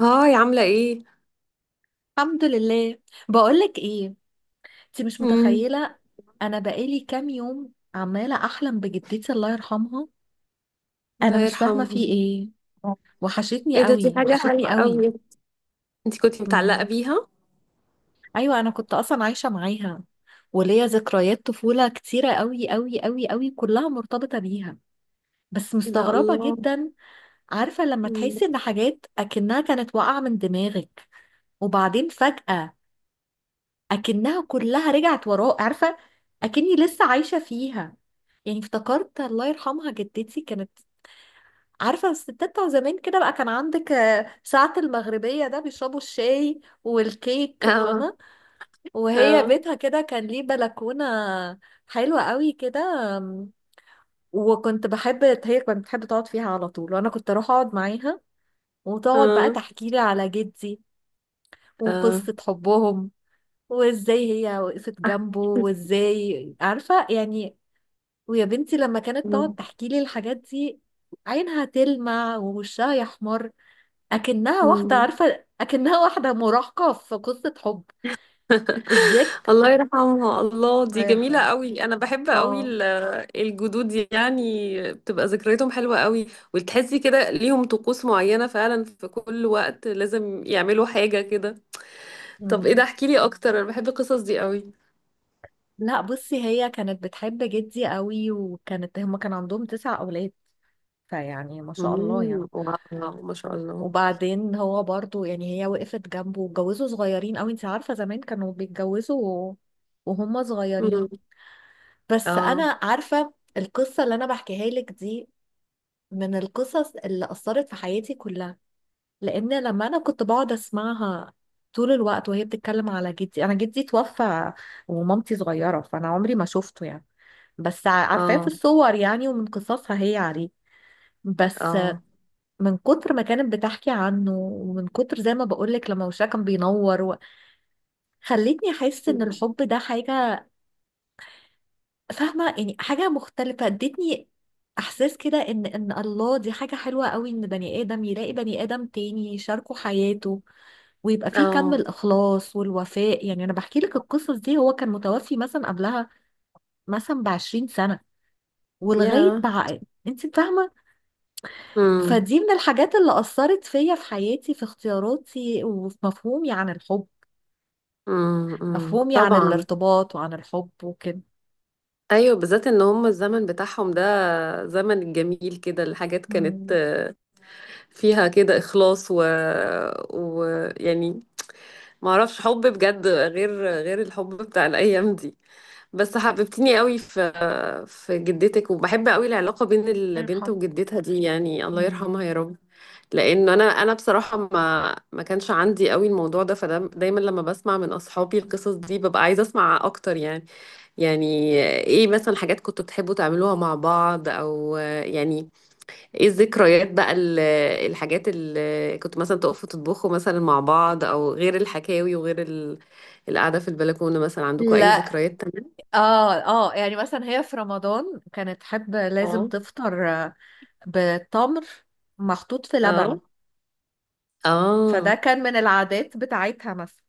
هاي، عاملة ايه؟ الحمد لله. بقولك ايه، انت مش امم متخيله. انا بقالي كام يوم عماله احلم بجدتي، الله يرحمها. انا الله مش فاهمه في يرحمها. ايه. وحشتني ايه ده، دي قوي حاجة وحشتني حلوة قوي. قوي. انتي كنتي متعلقة مم. بيها؟ ايوه انا كنت اصلا عايشه معاها، وليا ذكريات طفوله كتيره قوي قوي قوي قوي كلها مرتبطه بيها، بس ايه ده، مستغربه الله. جدا. عارفه لما تحسي مم. ان حاجات اكنها كانت واقعه من دماغك، وبعدين فجأة اكنها كلها رجعت وراه، عارفه، اكني لسه عايشه فيها. يعني افتكرت الله يرحمها جدتي كانت، عارفه الستات بتوع زمان كده بقى، كان عندك ساعه المغربيه ده بيشربوا الشاي والكيك، اه، فاهمه. وهي اه، بيتها كده كان ليه بلكونه حلوه قوي كده. آم، وكنت بحب، هي كانت بتحب تقعد فيها على طول، وانا كنت اروح اقعد معاها، وتقعد بقى اه، تحكي لي على جدي اه. وقصه حبهم، وازاي هي وقفت جنبه وازاي، عارفة يعني. ويا بنتي لما كانت تقعد مم. تحكي لي الحاجات دي، عينها تلمع ووشها يحمر، اكنها واحدة، مم. عارفة اكنها واحدة مراهقة في قصة حب. الذك الله يرحمها. الله، الله دي جميلة يرحمه. قوي. انا بحب قوي اه. الجدود دي يعني، بتبقى ذكرياتهم حلوة قوي. وتحسي كده ليهم طقوس معينة فعلا، في كل وقت لازم يعملوا حاجة كده. طب ايه ده، مم. احكيلي اكتر، انا بحب القصص دي قوي. لا بصي، هي كانت بتحب جدي قوي، وكانت هما كان عندهم 9 اولاد، فيعني ما شاء الله يعني. واو، ما شاء الله. وبعدين هو برضو يعني هي وقفت جنبه واتجوزوا صغيرين قوي. انت عارفة زمان كانوا بيتجوزوا و- وهم امم. صغيرين. بس اه، انا عارفة القصة اللي انا بحكيها لك دي من القصص اللي أثرت في حياتي كلها، لأن لما أنا كنت بقعد أسمعها طول الوقت وهي بتتكلم على جدي، أنا جدي توفى ومامتي صغيرة، فأنا عمري ما شفته يعني، بس عارفاه في اه، الصور يعني ومن قصصها هي عليه، بس اه، من كتر ما كانت بتحكي عنه ومن كتر زي ما بقولك لما وشها كان بينور، خلتني احس ان الحب ده حاجة، فاهمة يعني، حاجة مختلفة. ادتني احساس كده ان الله دي حاجة حلوة قوي، ان بني ادم يلاقي بني ادم تاني يشاركه حياته، ويبقى فيه كم اه. الاخلاص والوفاء. يعني انا بحكي لك القصص دي، هو كان متوفي مثلا قبلها مثلا بـ20 سنة، ولغاية يا بقى انت فاهمة. امم فدي من الحاجات اللي أثرت فيا في حياتي، في اختياراتي، وفي مفهومي عن الحب، امم، مفهومي عن طبعا. الارتباط وعن الحب وكده. ايوه، بالذات ان هم الزمن بتاعهم ده زمن الجميل، كده الحاجات كانت مم. فيها كده اخلاص و يعني ما اعرفش حب بجد غير الحب بتاع الايام دي. بس حببتني قوي في جدتك، وبحب قوي العلاقة بين الله البنت يرحمه. وجدتها دي، يعني الله مم. يرحمها يا رب. لانه انا بصراحة ما كانش عندي قوي الموضوع ده، فده دايما لما بسمع من اصحابي القصص دي ببقى عايزة اسمع اكتر يعني. يعني ايه مثلا، حاجات كنتوا بتحبوا تعملوها مع بعض، او يعني ايه الذكريات بقى، الحاجات اللي كنتوا مثلا تقفوا تطبخوا مثلا مع بعض، او غير الحكاوي وغير القعدة في البلكونة، مثلا عندكم لا، اي ذكريات اه اه. يعني مثلا هي في رمضان كانت تحب لازم تانية؟ تفطر بتمر محطوط في لبن، اه، فده اه، كان من العادات بتاعتها مثلا.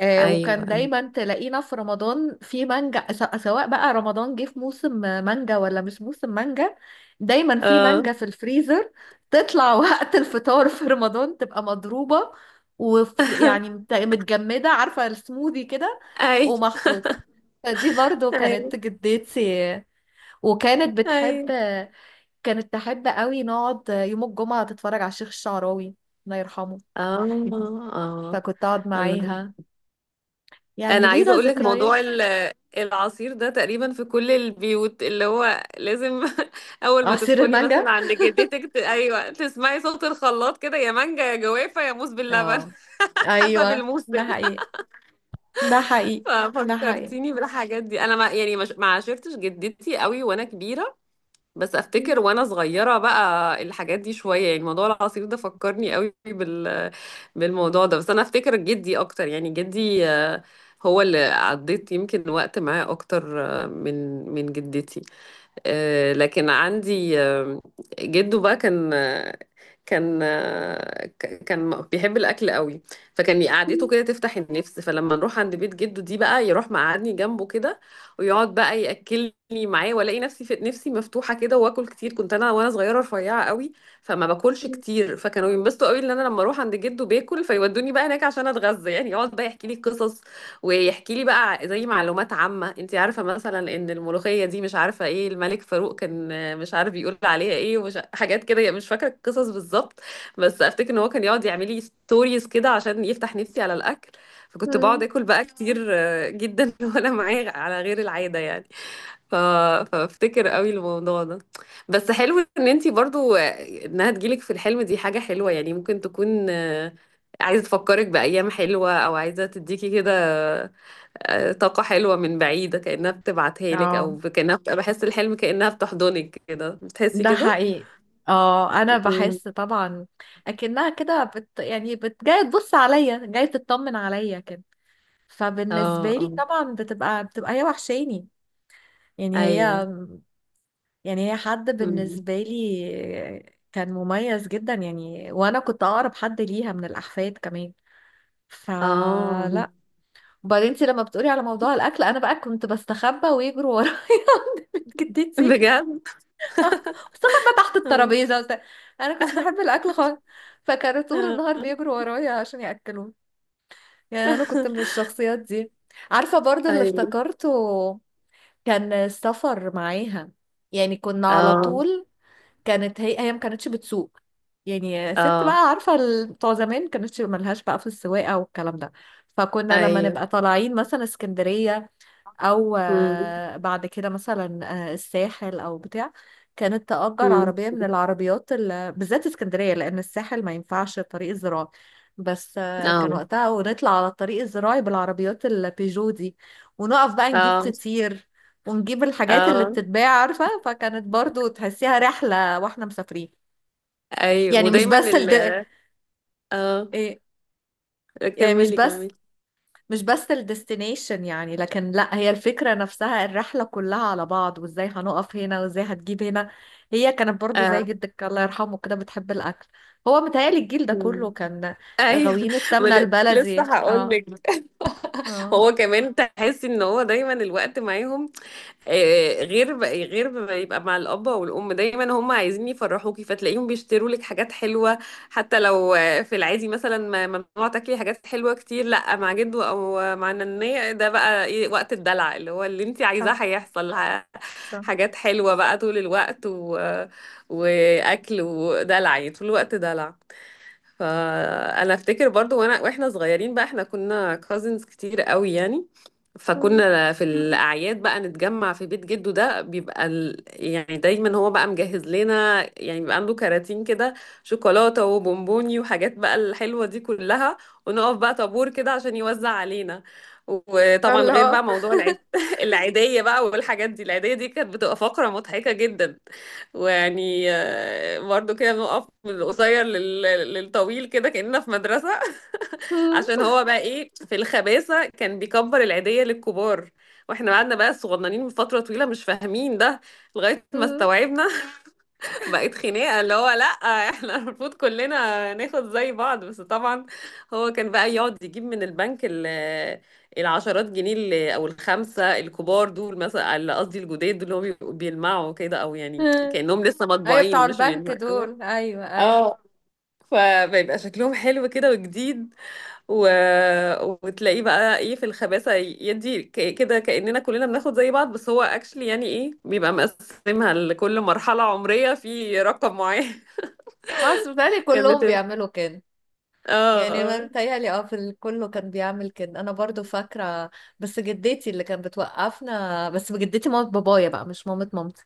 ايوه. وكان أيوة. دايما تلاقينا في رمضان في مانجا، سواء بقى رمضان جه في موسم مانجا ولا مش موسم مانجا، دايما في اه. مانجا في الفريزر، تطلع وقت الفطار في رمضان تبقى مضروبة، ويعني متجمدة، عارفة السموذي كده ايوه، ومخطوط. فدي برضو كانت ايوه، جدتي. وكانت بتحب، ايوه. كانت تحب قوي نقعد يوم الجمعة تتفرج على الشيخ الشعراوي، الله يرحمه، اه، اه، فكنت اقعد الله. معاها. يعني انا عايزه لينا اقول لك ذكريات. موضوع العصير ده تقريبا في كل البيوت، اللي هو لازم اول ما عصير تدخلي مثلا المانجا. عند جدتك ايوه، تسمعي صوت الخلاط كده، يا مانجا يا جوافه يا موز باللبن. اه. حسب ايوه الموسم. ده حقيقي، ده حقيقي. ده حقيقي. ففكرتيني بالحاجات دي. انا ما يعني مش- ما عاشرتش جدتي قوي وانا كبيره، بس افتكر وانا صغيره بقى الحاجات دي شويه، يعني موضوع العصير ده فكرني قوي بالموضوع ده. بس انا افتكر جدي اكتر، يعني جدي، هو اللي عديت يمكن وقت معاه اكتر من جدتي. لكن عندي جده بقى، كان كان كان بيحب الاكل قوي. فكان قعدته كده تفتح النفس، فلما نروح عند بيت جده دي بقى يروح مقعدني جنبه كده ويقعد بقى ياكلني معاه، والاقي نفسي، في نفسي مفتوحه كده، واكل كتير. كنت انا وانا صغيره رفيعه قوي، فما باكلش كتير، فكانوا ينبسطوا قوي ان انا لما اروح عند جده باكل، فيودوني بقى هناك عشان اتغذى. يعني يقعد بقى يحكي لي قصص، ويحكي لي بقى زي معلومات عامة. انت عارفة مثلا ان الملوخية دي مش عارفة ايه، الملك فاروق كان مش عارف بيقول عليها ايه، ومش حاجات كده، يعني مش فاكرة القصص بالظبط. بس افتكر ان هو كان يقعد يعمل لي ستوريز كده عشان يفتح نفسي على الاكل. فكنت بقعد اكل بقى كتير جدا، وانا معاه على غير العادة يعني. ف... فافتكر قوي الموضوع ده. بس حلو ان انت برضو، انها تجيلك في الحلم، دي حاجة حلوة. يعني ممكن تكون عايزة تفكرك بأيام حلوة، أو عايزة تديكي كده طاقة حلوة من بعيدة، كأنها بتبعتها لك، اه، أو كأنها بحس الحلم كأنها بتحضنك كده، بتحسي ده كده؟ حقيقي. اه انا مم. بحس طبعا اكنها كده بت جايه تبص عليا، جايه تطمن عليا كده، فبالنسبه اه، لي اه، طبعا بتبقى هي وحشاني. يعني هي، أيوه. يعني هي حد مم. بالنسبه لي كان مميز جدا، يعني وانا كنت اقرب حد ليها من الاحفاد كمان. اه. فلا. وبعدين انت لما بتقولي على موضوع الاكل، انا بقى كنت بستخبى ويجروا ورايا عند بيت جدتي. بجد؟ بستخبى تحت آه. الترابيزه وبتاع. انا كنتش بحب الاكل خالص، فكانوا طول آه. النهار بيجروا ورايا عشان ياكلوني. يعني انا كنت من الشخصيات دي. عارفه برضو اللي أيوه. افتكرته، كان السفر معاها. يعني كنا على اه، طول، كانت هي ما كانتش بتسوق. يعني ست اه، بقى، عارفه بتوع زمان كانتش ملهاش بقى في السواقه والكلام ده. فكنا لما أيوه. نبقى طالعين مثلا اسكندريه، او مم. بعد كده مثلا الساحل او بتاع، كانت تأجر مم. عربية من العربيات بالذات اسكندرية، لأن الساحل ما ينفعش الطريق الزراعي، بس كان اه، وقتها، ونطلع على الطريق الزراعي بالعربيات البيجو دي، ونقف بقى نجيب اه، فطير ونجيب الحاجات اللي اه، بتتباع، عارفة، فكانت برضو تحسيها رحلة واحنا مسافرين. أيوه. يعني مش ودايما بس الد... اه، إيه يعني مش كملي كملي. بس مش بس الديستنيشن يعني، لكن لا، هي الفكرة نفسها الرحلة كلها على بعض وازاي هنقف هنا وازاي هتجيب هنا. هي كانت برضو زي آه. جدك الله يرحمه كده بتحب الأكل. هو متهيألي الجيل ده مم. كله كان ايوه. غاويين ما السمنة ل- لسه البلدي. هقول اه. لك. اه. هو كمان تحس ان هو دايما الوقت معاهم، غير غير ما يبقى مع الاب والام، دايما هم عايزين يفرحوكي، فتلاقيهم بيشتروا لك حاجات حلوه. حتى لو في العادي مثلا ممنوع تاكلي حاجات حلوه كتير، لا مع جدو او مع ننيه ده بقى إيه، وقت الدلع اللي هو اللي انت عايزاه صح، هيحصل. صح. حاجات حلوه بقى طول الوقت واكل ودلع، يعني طول الوقت دلع. فانا افتكر برضو واحنا صغيرين بقى، احنا كنا كازنز كتير قوي يعني. مم. فكنا في الاعياد بقى نتجمع في بيت جده ده، بيبقى يعني دايما هو بقى مجهز لنا، يعني بيبقى عنده كراتين كده شوكولاته وبونبوني وحاجات بقى الحلوه دي كلها، ونقف بقى طابور كده عشان يوزع علينا. وطبعا غير الله. بقى موضوع العيد، العيديه بقى والحاجات دي، العيديه دي كانت بتبقى فقره مضحكه جدا. ويعني برضه كده بنقف من القصير للطويل كده، كأننا في مدرسة. مم. عشان هو بقى ايه في الخباثة، كان بيكبر العيدية للكبار، واحنا قعدنا بقى صغننين من فترة طويلة مش فاهمين ده، لغاية ما استوعبنا. بقت خناقة، اللي هو لأ، احنا المفروض كلنا ناخد زي بعض. بس طبعا هو كان بقى يقعد يجيب من البنك العشرات جنيه او الخمسة الكبار دول، مثلا، اللي قصدي الجداد دول، اللي هم بيبقوا بيلمعوا كده، او يعني مم. كأنهم لسه ايوه مطبوعين بتاع مش البنك بيلمعوا. دول، ايوه ايوه. اه. فبيبقى شكلهم حلو كده وجديد و... وتلاقيه بقى ايه في الخباثة، يدي كده كأننا كلنا بناخد زي بعض، بس هو اكشلي يعني ايه، بيبقى مقسمها لكل مرحلة عمرية في رقم معين. خلاص بيتهيألي كانت كلهم بتبقى. بيعملوا كده. اه، يعني ما اه، متهيألي اه في كله كان بيعمل كده، انا برضو فاكره، بس جدتي اللي كانت بتوقفنا، بس جدتي مامت بابايا بقى مش مامت مامتي،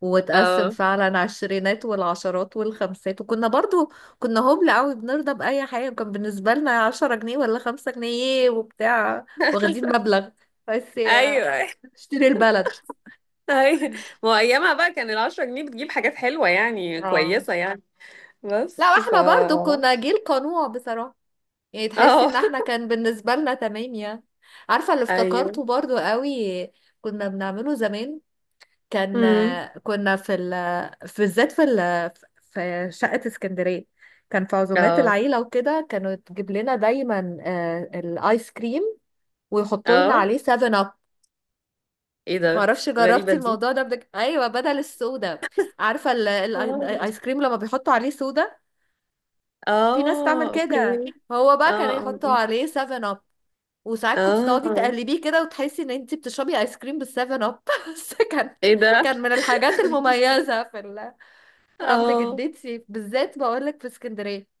وتقسم اه، فعلا على الشرينات والعشرات والخمسات. وكنا برضو كنا هبل قوي، بنرضى بأي حاجه، وكان بالنسبه لنا 10 جنيه ولا 5 جنيه إيه وبتاع، واخدين مبلغ، بس يا- ايوه. اشتري البلد. ايوه، ما هو ايامها بقى كان 10 جنيه بتجيب حاجات حلوة يعني، اه. كويسة يعني. لا بس ف واحنا برضو اه كنا جيل قنوع بصراحه، يعني تحسي ان احنا كان بالنسبة لنا تمام يعني. عارفة اللي ايوه. افتكرته برضو قوي كنا بنعمله زمان، كان، امم. كنا في في بالذات في في شقة اسكندرية، كان في عزومات اه، العيلة وكده، كانوا تجيب لنا دايما الايس كريم، ويحطوا لنا اه، عليه 7 اب. ايه ده، معرفش غريبة جربتي دي. الموضوع ده، ايوه بدل السودا. عارفة اه. الايس كريم لما بيحطوا عليه سودا، في ناس تعمل كده، اوكي. هو اه، بقى كان يحطوا اه. عليه 7 اب، وساعات كنت آه. تقعدي آه. تقلبيه كده وتحسي ان انت بتشربي ايس كريم بالسفن اب. بس كان، ايه ده. كان من الحاجات المميزة في عند اه، جدتي بالذات بقولك في اسكندرية.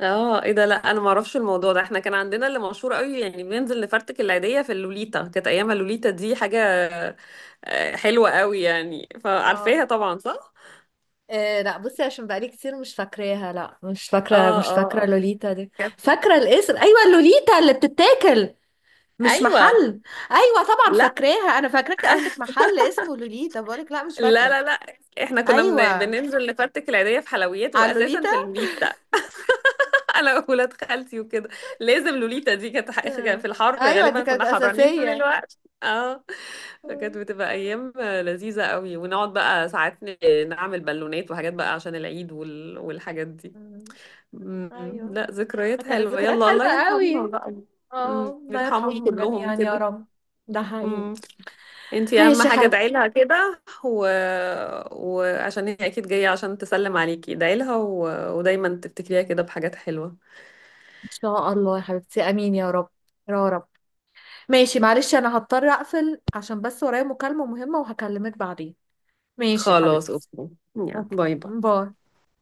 اه، ايه ده، لا انا ما اعرفش الموضوع ده. احنا كان عندنا اللي مشهور قوي، يعني بننزل نفرتك العيدية في اللوليتا، كانت ايامها اللوليتا دي حاجة حلوة قوي يعني. اه. فعارفاها طبعا، صح؟ إيه لا بصي، عشان بقالي كتير مش فاكراها، لا مش اه، فاكرة، مش اه. فاكرة آه. لوليتا دي. كانت- فاكرة الاسم، ايوه اللوليتا اللي بتتاكل، مش ايوه. محل. ايوه طبعا لا. فاكراها، انا فاكراك قصدك محل اسمه لوليتا، بقولك لا مش لا، فاكرة. لا، لا، احنا كنا ايوه بننزل نفرتك العيدية في حلويات، على واساسا اللوليتا. في اللوليتا. انا وولاد خالتي وكده، لازم لوليتا دي. كانت كان في آه. الحر ايوه دي غالبا، كانت كنا حرانين طول اساسية. الوقت. اه. فكانت بتبقى ايام لذيذة قوي، ونقعد بقى ساعات نعمل بالونات وحاجات بقى عشان العيد والحاجات دي. آه. مم. ايوه لا، ذكريات كانت حلوة. ذكريات يلا، الله حلوة يرحمهم قوي. بقى. اه مم. الله يرحمهم يرحمهم كلهم جميعا يا كده. رب. ده حقيقي. مم. انتي اهم ماشي يا حاجة حبيبتي. ادعيلها كده وعشان هي اكيد جاية عشان تسلم عليكي، ادعيلها ودايما تفتكريها كده بحاجات حلوة. ان شاء الله يا حبيبتي، امين يا رب، يا رب. ماشي معلش انا هضطر اقفل عشان بس ورايا مكالمة مهمة، وهكلمك بعدين. ماشي يا خلاص، حبيبتي. اوكي، يلا، اوكي. باي باي. باي.